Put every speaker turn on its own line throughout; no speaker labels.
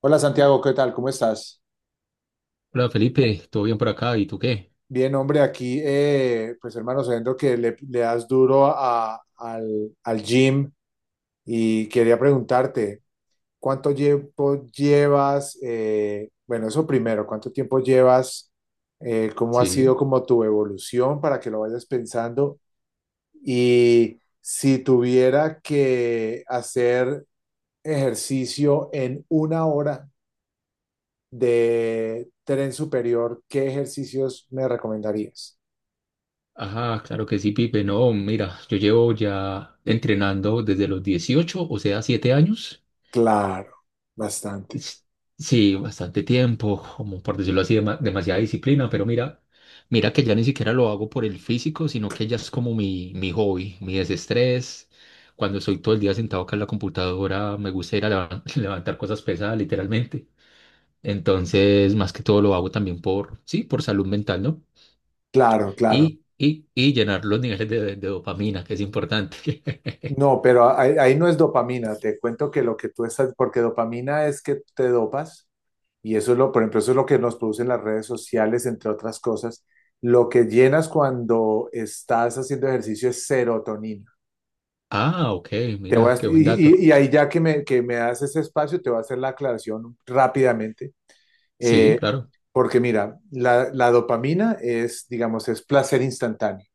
Hola Santiago, ¿qué tal? ¿Cómo estás?
Hola Felipe, ¿todo bien por acá? ¿Y tú qué?
Bien, hombre, aquí, pues hermano, sabiendo que le das duro al gym y quería preguntarte, ¿cuánto tiempo llevas? Bueno, eso primero, ¿cuánto tiempo llevas? ¿Cómo ha
Sí.
sido como tu evolución para que lo vayas pensando? Y si tuviera que hacer ejercicio en 1 hora, de tren superior, ¿qué ejercicios me recomendarías?
Ajá, claro que sí, Pipe. No, mira, yo llevo ya entrenando desde los 18, o sea, 7 años.
Claro, bastante.
S- Sí, bastante tiempo, como por decirlo así, demasiada disciplina, pero mira, que ya ni siquiera lo hago por el físico, sino que ya es como mi hobby, mi desestrés. Cuando estoy todo el día sentado acá en la computadora, me gusta ir a levantar cosas pesadas, literalmente. Entonces, más que todo lo hago también por, sí, por salud mental, ¿no?
Claro, claro.
Y llenar los niveles de dopamina, que es importante.
No, pero ahí no es dopamina. Te cuento que lo que tú estás, porque dopamina es que te dopas y eso es lo, por ejemplo, eso es lo que nos producen las redes sociales, entre otras cosas. Lo que llenas cuando estás haciendo ejercicio es serotonina.
Ah, ok,
Te voy a-
mira, qué buen dato.
y ahí ya que me das ese espacio, te voy a hacer la aclaración rápidamente.
Sí,
Eh,
claro.
Porque mira, la dopamina es, digamos, es placer instantáneo.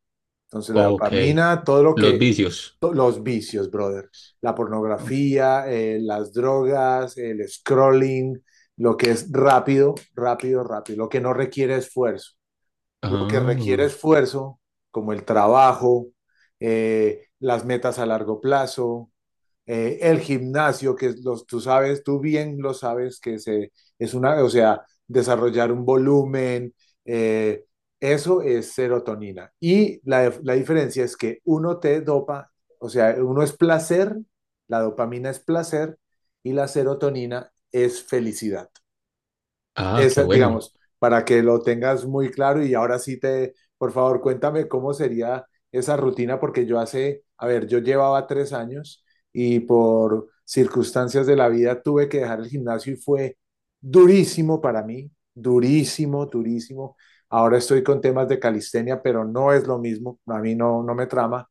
Entonces, la
Ok.
dopamina, todo lo
Los
que,
vicios.
los vicios, brother, la
Oh.
pornografía, las drogas, el scrolling, lo que es rápido, rápido, rápido, lo que no requiere esfuerzo. Lo que requiere
Ah.
esfuerzo, como el trabajo, las metas a largo plazo, el gimnasio, que los, tú sabes, tú bien lo sabes, que se, es una, o sea, desarrollar un volumen, eh, eso es serotonina. Y la diferencia es que uno te dopa, o sea, uno es placer, la dopamina es placer y la serotonina es felicidad.
Ah, qué
Esa,
bueno.
digamos, para que lo tengas muy claro y ahora sí te, por favor, cuéntame cómo sería esa rutina, porque yo a ver, yo llevaba 3 años y por circunstancias de la vida tuve que dejar el gimnasio y fue durísimo para mí, durísimo, durísimo. Ahora estoy con temas de calistenia, pero no es lo mismo, a mí no, no me trama.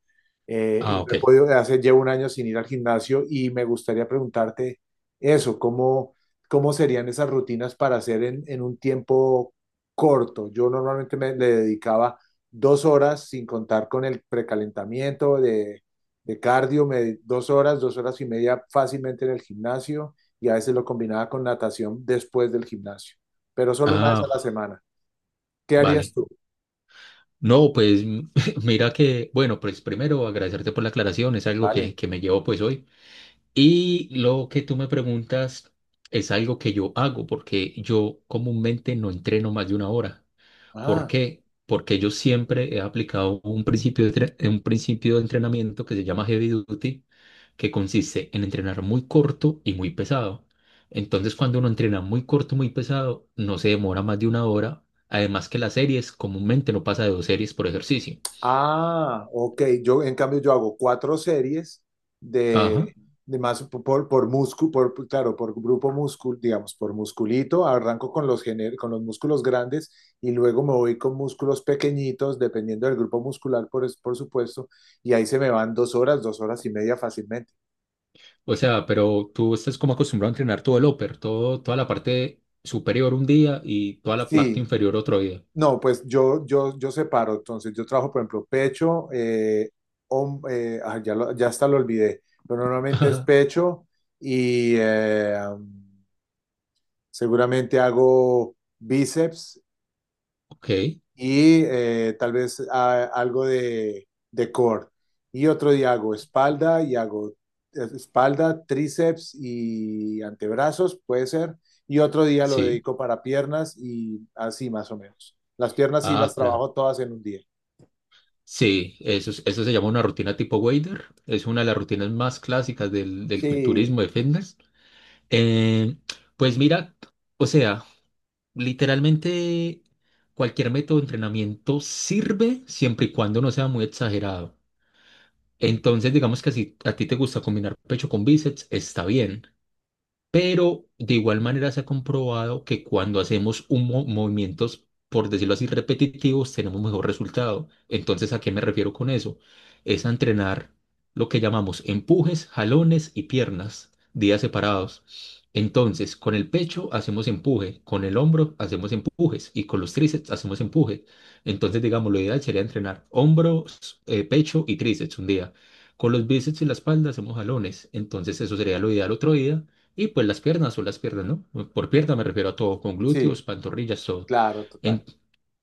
Ah,
Y no
ok.
he podido, llevo 1 año sin ir al gimnasio y me gustaría preguntarte eso, cómo serían esas rutinas para hacer en un tiempo corto. Yo normalmente me le dedicaba 2 horas sin contar con el precalentamiento de cardio, dos horas, 2 horas y media fácilmente en el gimnasio y a veces lo combinaba con natación después del gimnasio, pero solo una vez a la
Ah,
semana. ¿Qué harías
vale.
tú?
No, pues mira que, bueno, pues primero agradecerte por la aclaración, es algo
Vale.
que me llevo pues hoy. Y lo que tú me preguntas es algo que yo hago, porque yo comúnmente no entreno más de una hora. ¿Por
Ah.
qué? Porque yo siempre he aplicado un principio de, un principio de entrenamiento que se llama heavy duty, que consiste en entrenar muy corto y muy pesado. Entonces, cuando uno entrena muy corto, muy pesado, no se demora más de una hora. Además que las series comúnmente no pasa de dos series por ejercicio.
Ah, ok. Yo, en cambio, yo hago cuatro series
Ajá.
de, de más por músculo, claro, por grupo músculo, digamos, por musculito. Arranco con los músculos grandes y luego me voy con músculos pequeñitos, dependiendo del grupo muscular, por, por supuesto. Y ahí se me van 2 horas, dos horas y media fácilmente.
O sea, pero tú estás como acostumbrado a entrenar todo el upper, todo, toda la parte superior un día y toda la parte
Sí,
inferior otro día.
no, pues yo separo, entonces yo trabajo, por ejemplo, pecho, ya, ya hasta lo olvidé, pero normalmente es
Ajá.
pecho y seguramente hago bíceps
Ok,
y tal vez algo de core. Y otro día hago espalda y hago espalda, tríceps y antebrazos, puede ser. Y otro día lo
sí.
dedico para piernas y así más o menos. Las piernas sí
Ah,
las
claro.
trabajo todas en un día.
Sí, eso, eso se llama una rutina tipo wader. Es una de las rutinas más clásicas del
Sí,
culturismo de fitness. Eh, pues mira, o sea, literalmente cualquier método de entrenamiento sirve siempre y cuando no sea muy exagerado. Entonces, digamos que si a ti te gusta combinar pecho con bíceps, está bien. Pero de igual manera se ha comprobado que cuando hacemos un movimientos, por decirlo así, repetitivos, tenemos mejor resultado. Entonces, ¿a qué me refiero con eso? Es a entrenar lo que llamamos empujes, jalones y piernas, días separados. Entonces, con el pecho hacemos empuje, con el hombro hacemos empujes y con los tríceps hacemos empuje. Entonces, digamos, lo ideal sería entrenar hombros, pecho y tríceps un día. Con los bíceps y la espalda hacemos jalones. Entonces, eso sería lo ideal otro día. Y pues las piernas o las piernas, ¿no? Por pierna me refiero a todo, con
sí,
glúteos, pantorrillas, todo.
claro,
En-
total.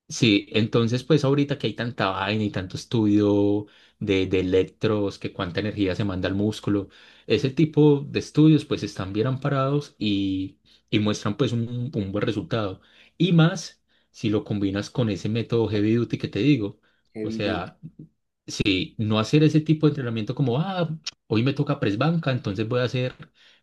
sí, entonces pues ahorita que hay tanta vaina y tanto estudio de electros, que cuánta energía se manda al músculo, ese tipo de estudios pues están bien amparados y muestran pues un buen resultado. Y más si lo combinas con ese método heavy duty que te digo. O
Heavy duty.
sea, sí, no hacer ese tipo de entrenamiento como, ah, hoy me toca press banca, entonces voy a hacer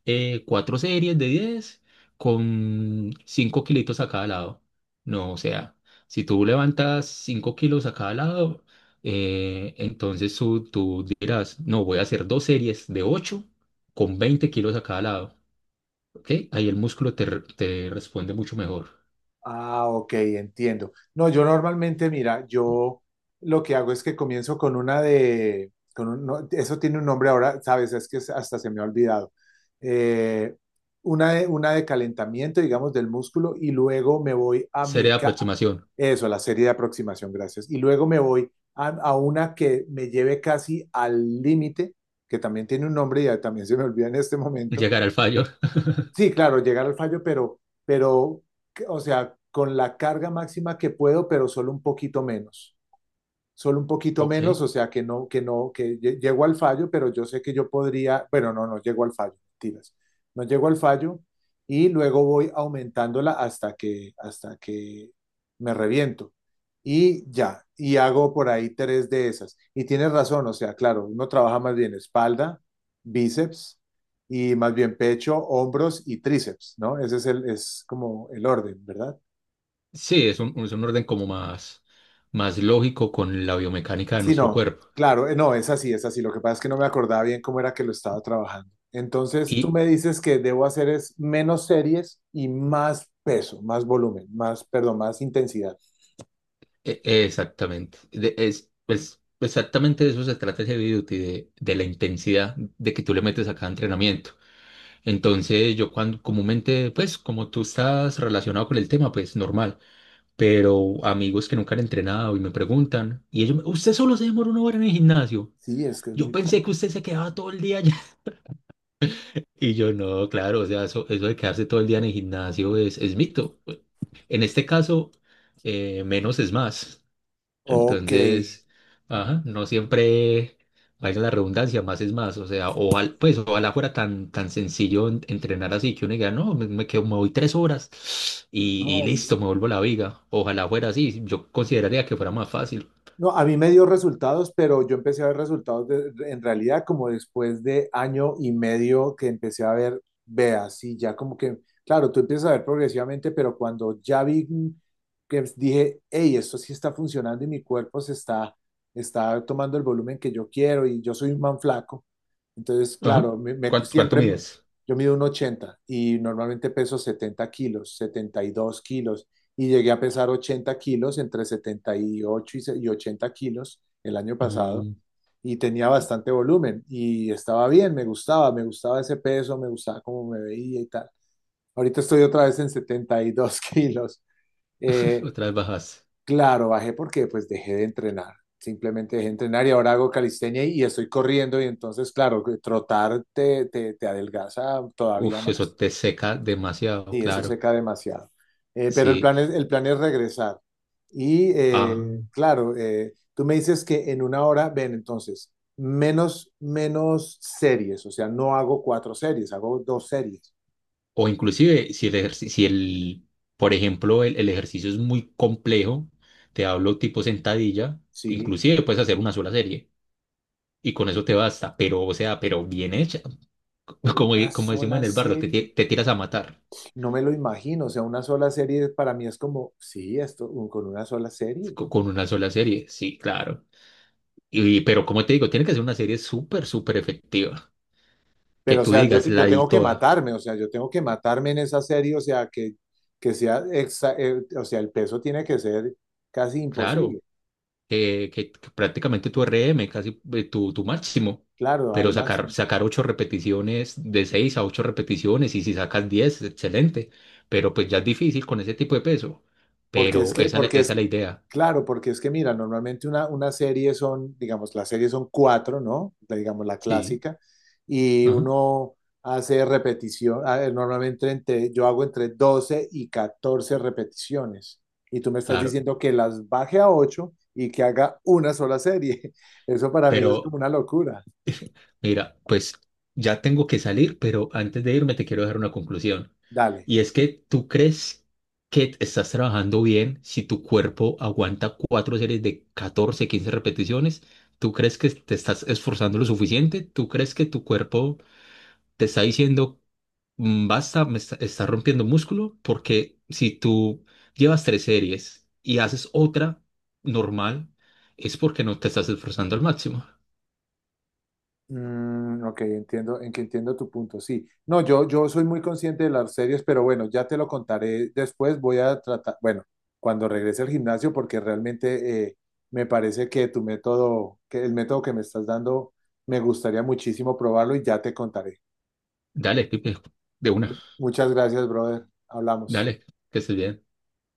cuatro series de 10 con 5 kilitos a cada lado. No, o sea, si tú levantas 5 kilos a cada lado, entonces tú dirás, no, voy a hacer dos series de 8 con 20 kilos a cada lado. ¿Ok? Ahí el músculo te, te responde mucho mejor.
Ah, ok, entiendo. No, yo normalmente, mira, yo lo que hago es que comienzo con una de, con un- no, eso tiene un nombre ahora, sabes, es que hasta se me ha olvidado. Eh, una de calentamiento, digamos, del músculo y luego me voy a
Serie
mi,
de aproximación,
eso, la serie de aproximación, gracias. Y luego me voy a una que me lleve casi al límite, que también tiene un nombre y ya también se me olvida en este momento.
llegar al fallo.
Sí, claro, llegar al fallo, o sea, con la carga máxima que puedo, pero solo un poquito menos solo un poquito
Ok.
menos, o sea que no, que no, que llego al fallo, pero yo sé que yo podría, bueno, no, no llego al fallo, mentiras, no llego al fallo y luego voy aumentándola hasta que me reviento. Y ya, y hago por ahí tres de esas. Y tienes razón, o sea, claro, uno trabaja más bien espalda, bíceps y más bien pecho, hombros y tríceps, ¿no? Ese es el, es como el orden, ¿verdad?
Sí, es un orden como más, más lógico con la biomecánica de
Sí,
nuestro
no,
cuerpo.
claro, no, es así, es así. Lo que pasa es que no me acordaba bien cómo era que lo estaba trabajando. Entonces, tú
Y
me dices que debo hacer es menos series y más peso, más volumen, más, perdón, más intensidad.
exactamente, exactamente de eso se trata ese video, de la intensidad de que tú le metes a cada entrenamiento. Entonces, yo cuando comúnmente, pues como tú estás relacionado con el tema, pues normal. Pero amigos que nunca han entrenado y me preguntan, y ellos, ¿usted solo se demora una hora en el gimnasio?
Sí, es que es
Yo
muy
pensé que
poco.
usted se quedaba todo el día. Y yo no, claro, o sea, eso de quedarse todo el día en el gimnasio es mito. En este caso, menos es más.
Ok,
Entonces, ajá, no siempre, valga la redundancia, más es más. O sea, ojalá, pues, ojalá fuera tan, tan sencillo entrenar así que uno diga, no, me quedo, me voy tres horas y
no.
listo, me vuelvo la viga. Ojalá fuera así. Yo consideraría que fuera más fácil.
No, a mí me dio resultados, pero yo empecé a ver resultados en realidad como después de año y medio que empecé a ver, veas, y ya como que, claro, tú empiezas a ver progresivamente, pero cuando ya vi que dije, hey, esto sí está funcionando y mi cuerpo se está, está tomando el volumen que yo quiero y yo soy un man flaco. Entonces,
Ajá.
claro,
¿Cuánto
siempre,
mides?
yo mido 1,80 y normalmente peso 70 kilos, 72 kilos, y llegué a pesar 80 kilos, entre setenta y, ocho y, y 80 kilos el año pasado,
Mm.
y tenía bastante volumen y estaba bien, me gustaba ese peso, me gustaba cómo me veía y tal. Ahorita estoy otra vez en 72 kilos. Eh,
Otra vez bajas.
Claro, bajé porque pues dejé de entrenar. Simplemente dejé de entrenar y ahora hago calistenia y estoy corriendo y entonces, claro, que trotar te adelgaza todavía
Uf, eso
más
te seca demasiado,
y eso
claro.
seca demasiado. Pero el
Sí,
plan es, el plan es regresar. Y
ah,
claro, tú me dices que en 1 hora, ven, entonces, menos, menos series, o sea, no hago cuatro series, hago dos series.
o inclusive si el, ejerci- si el, por ejemplo, el ejercicio es muy complejo, te hablo tipo sentadilla,
Sí,
inclusive puedes hacer una sola serie y con eso te basta, pero o sea, pero bien hecha, como,
una
como decimos
sola
en el barrio,
serie.
te tiras a matar
No me lo imagino, o sea, una sola serie para mí es como, sí, esto con una sola serie.
con una sola serie, sí, claro. Y, pero como te digo, tiene que ser una serie súper, súper efectiva, que
Pero, o
tú
sea, yo,
digas, la
yo
di
tengo que
toda,
matarme, o sea, yo tengo que matarme en esa serie, o sea, que sea, o sea, el peso tiene que ser casi imposible,
claro. Que prácticamente tu RM, casi tu, tu máximo,
claro, al
pero sacar,
máximo.
sacar ocho repeticiones, de seis a ocho repeticiones, y si sacas 10, excelente, pero pues ya es difícil con ese tipo de peso,
Porque es
pero
que,
esa,
porque
esa
es
es la idea,
Claro, porque es que mira, normalmente una serie son, digamos, las series son cuatro, ¿no? Digamos, la
sí,
clásica, y
ajá,
uno hace repetición, a ver, normalmente yo hago entre 12 y 14 repeticiones, y tú me estás
claro,
diciendo que las baje a 8 y que haga una sola serie. Eso para mí es
pero...
como una locura.
Mira, pues ya tengo que salir, pero antes de irme te quiero dejar una conclusión.
Dale.
Y es que tú crees que estás trabajando bien si tu cuerpo aguanta cuatro series de 14, 15 repeticiones. ¿Tú crees que te estás esforzando lo suficiente? ¿Tú crees que tu cuerpo te está diciendo, "Mm, basta, me está, está rompiendo músculo"? Porque si tú llevas tres series y haces otra normal, es porque no te estás esforzando al máximo.
Mm, ok, entiendo, en que entiendo tu punto, sí. No, yo soy muy consciente de las series, pero bueno, ya te lo contaré después. Voy a tratar, bueno, cuando regrese al gimnasio, porque realmente me parece que tu método, que el método que me estás dando, me gustaría muchísimo probarlo y ya te contaré.
Dale, Pipe, de una.
Muchas gracias, brother. Hablamos.
Dale, que estés bien.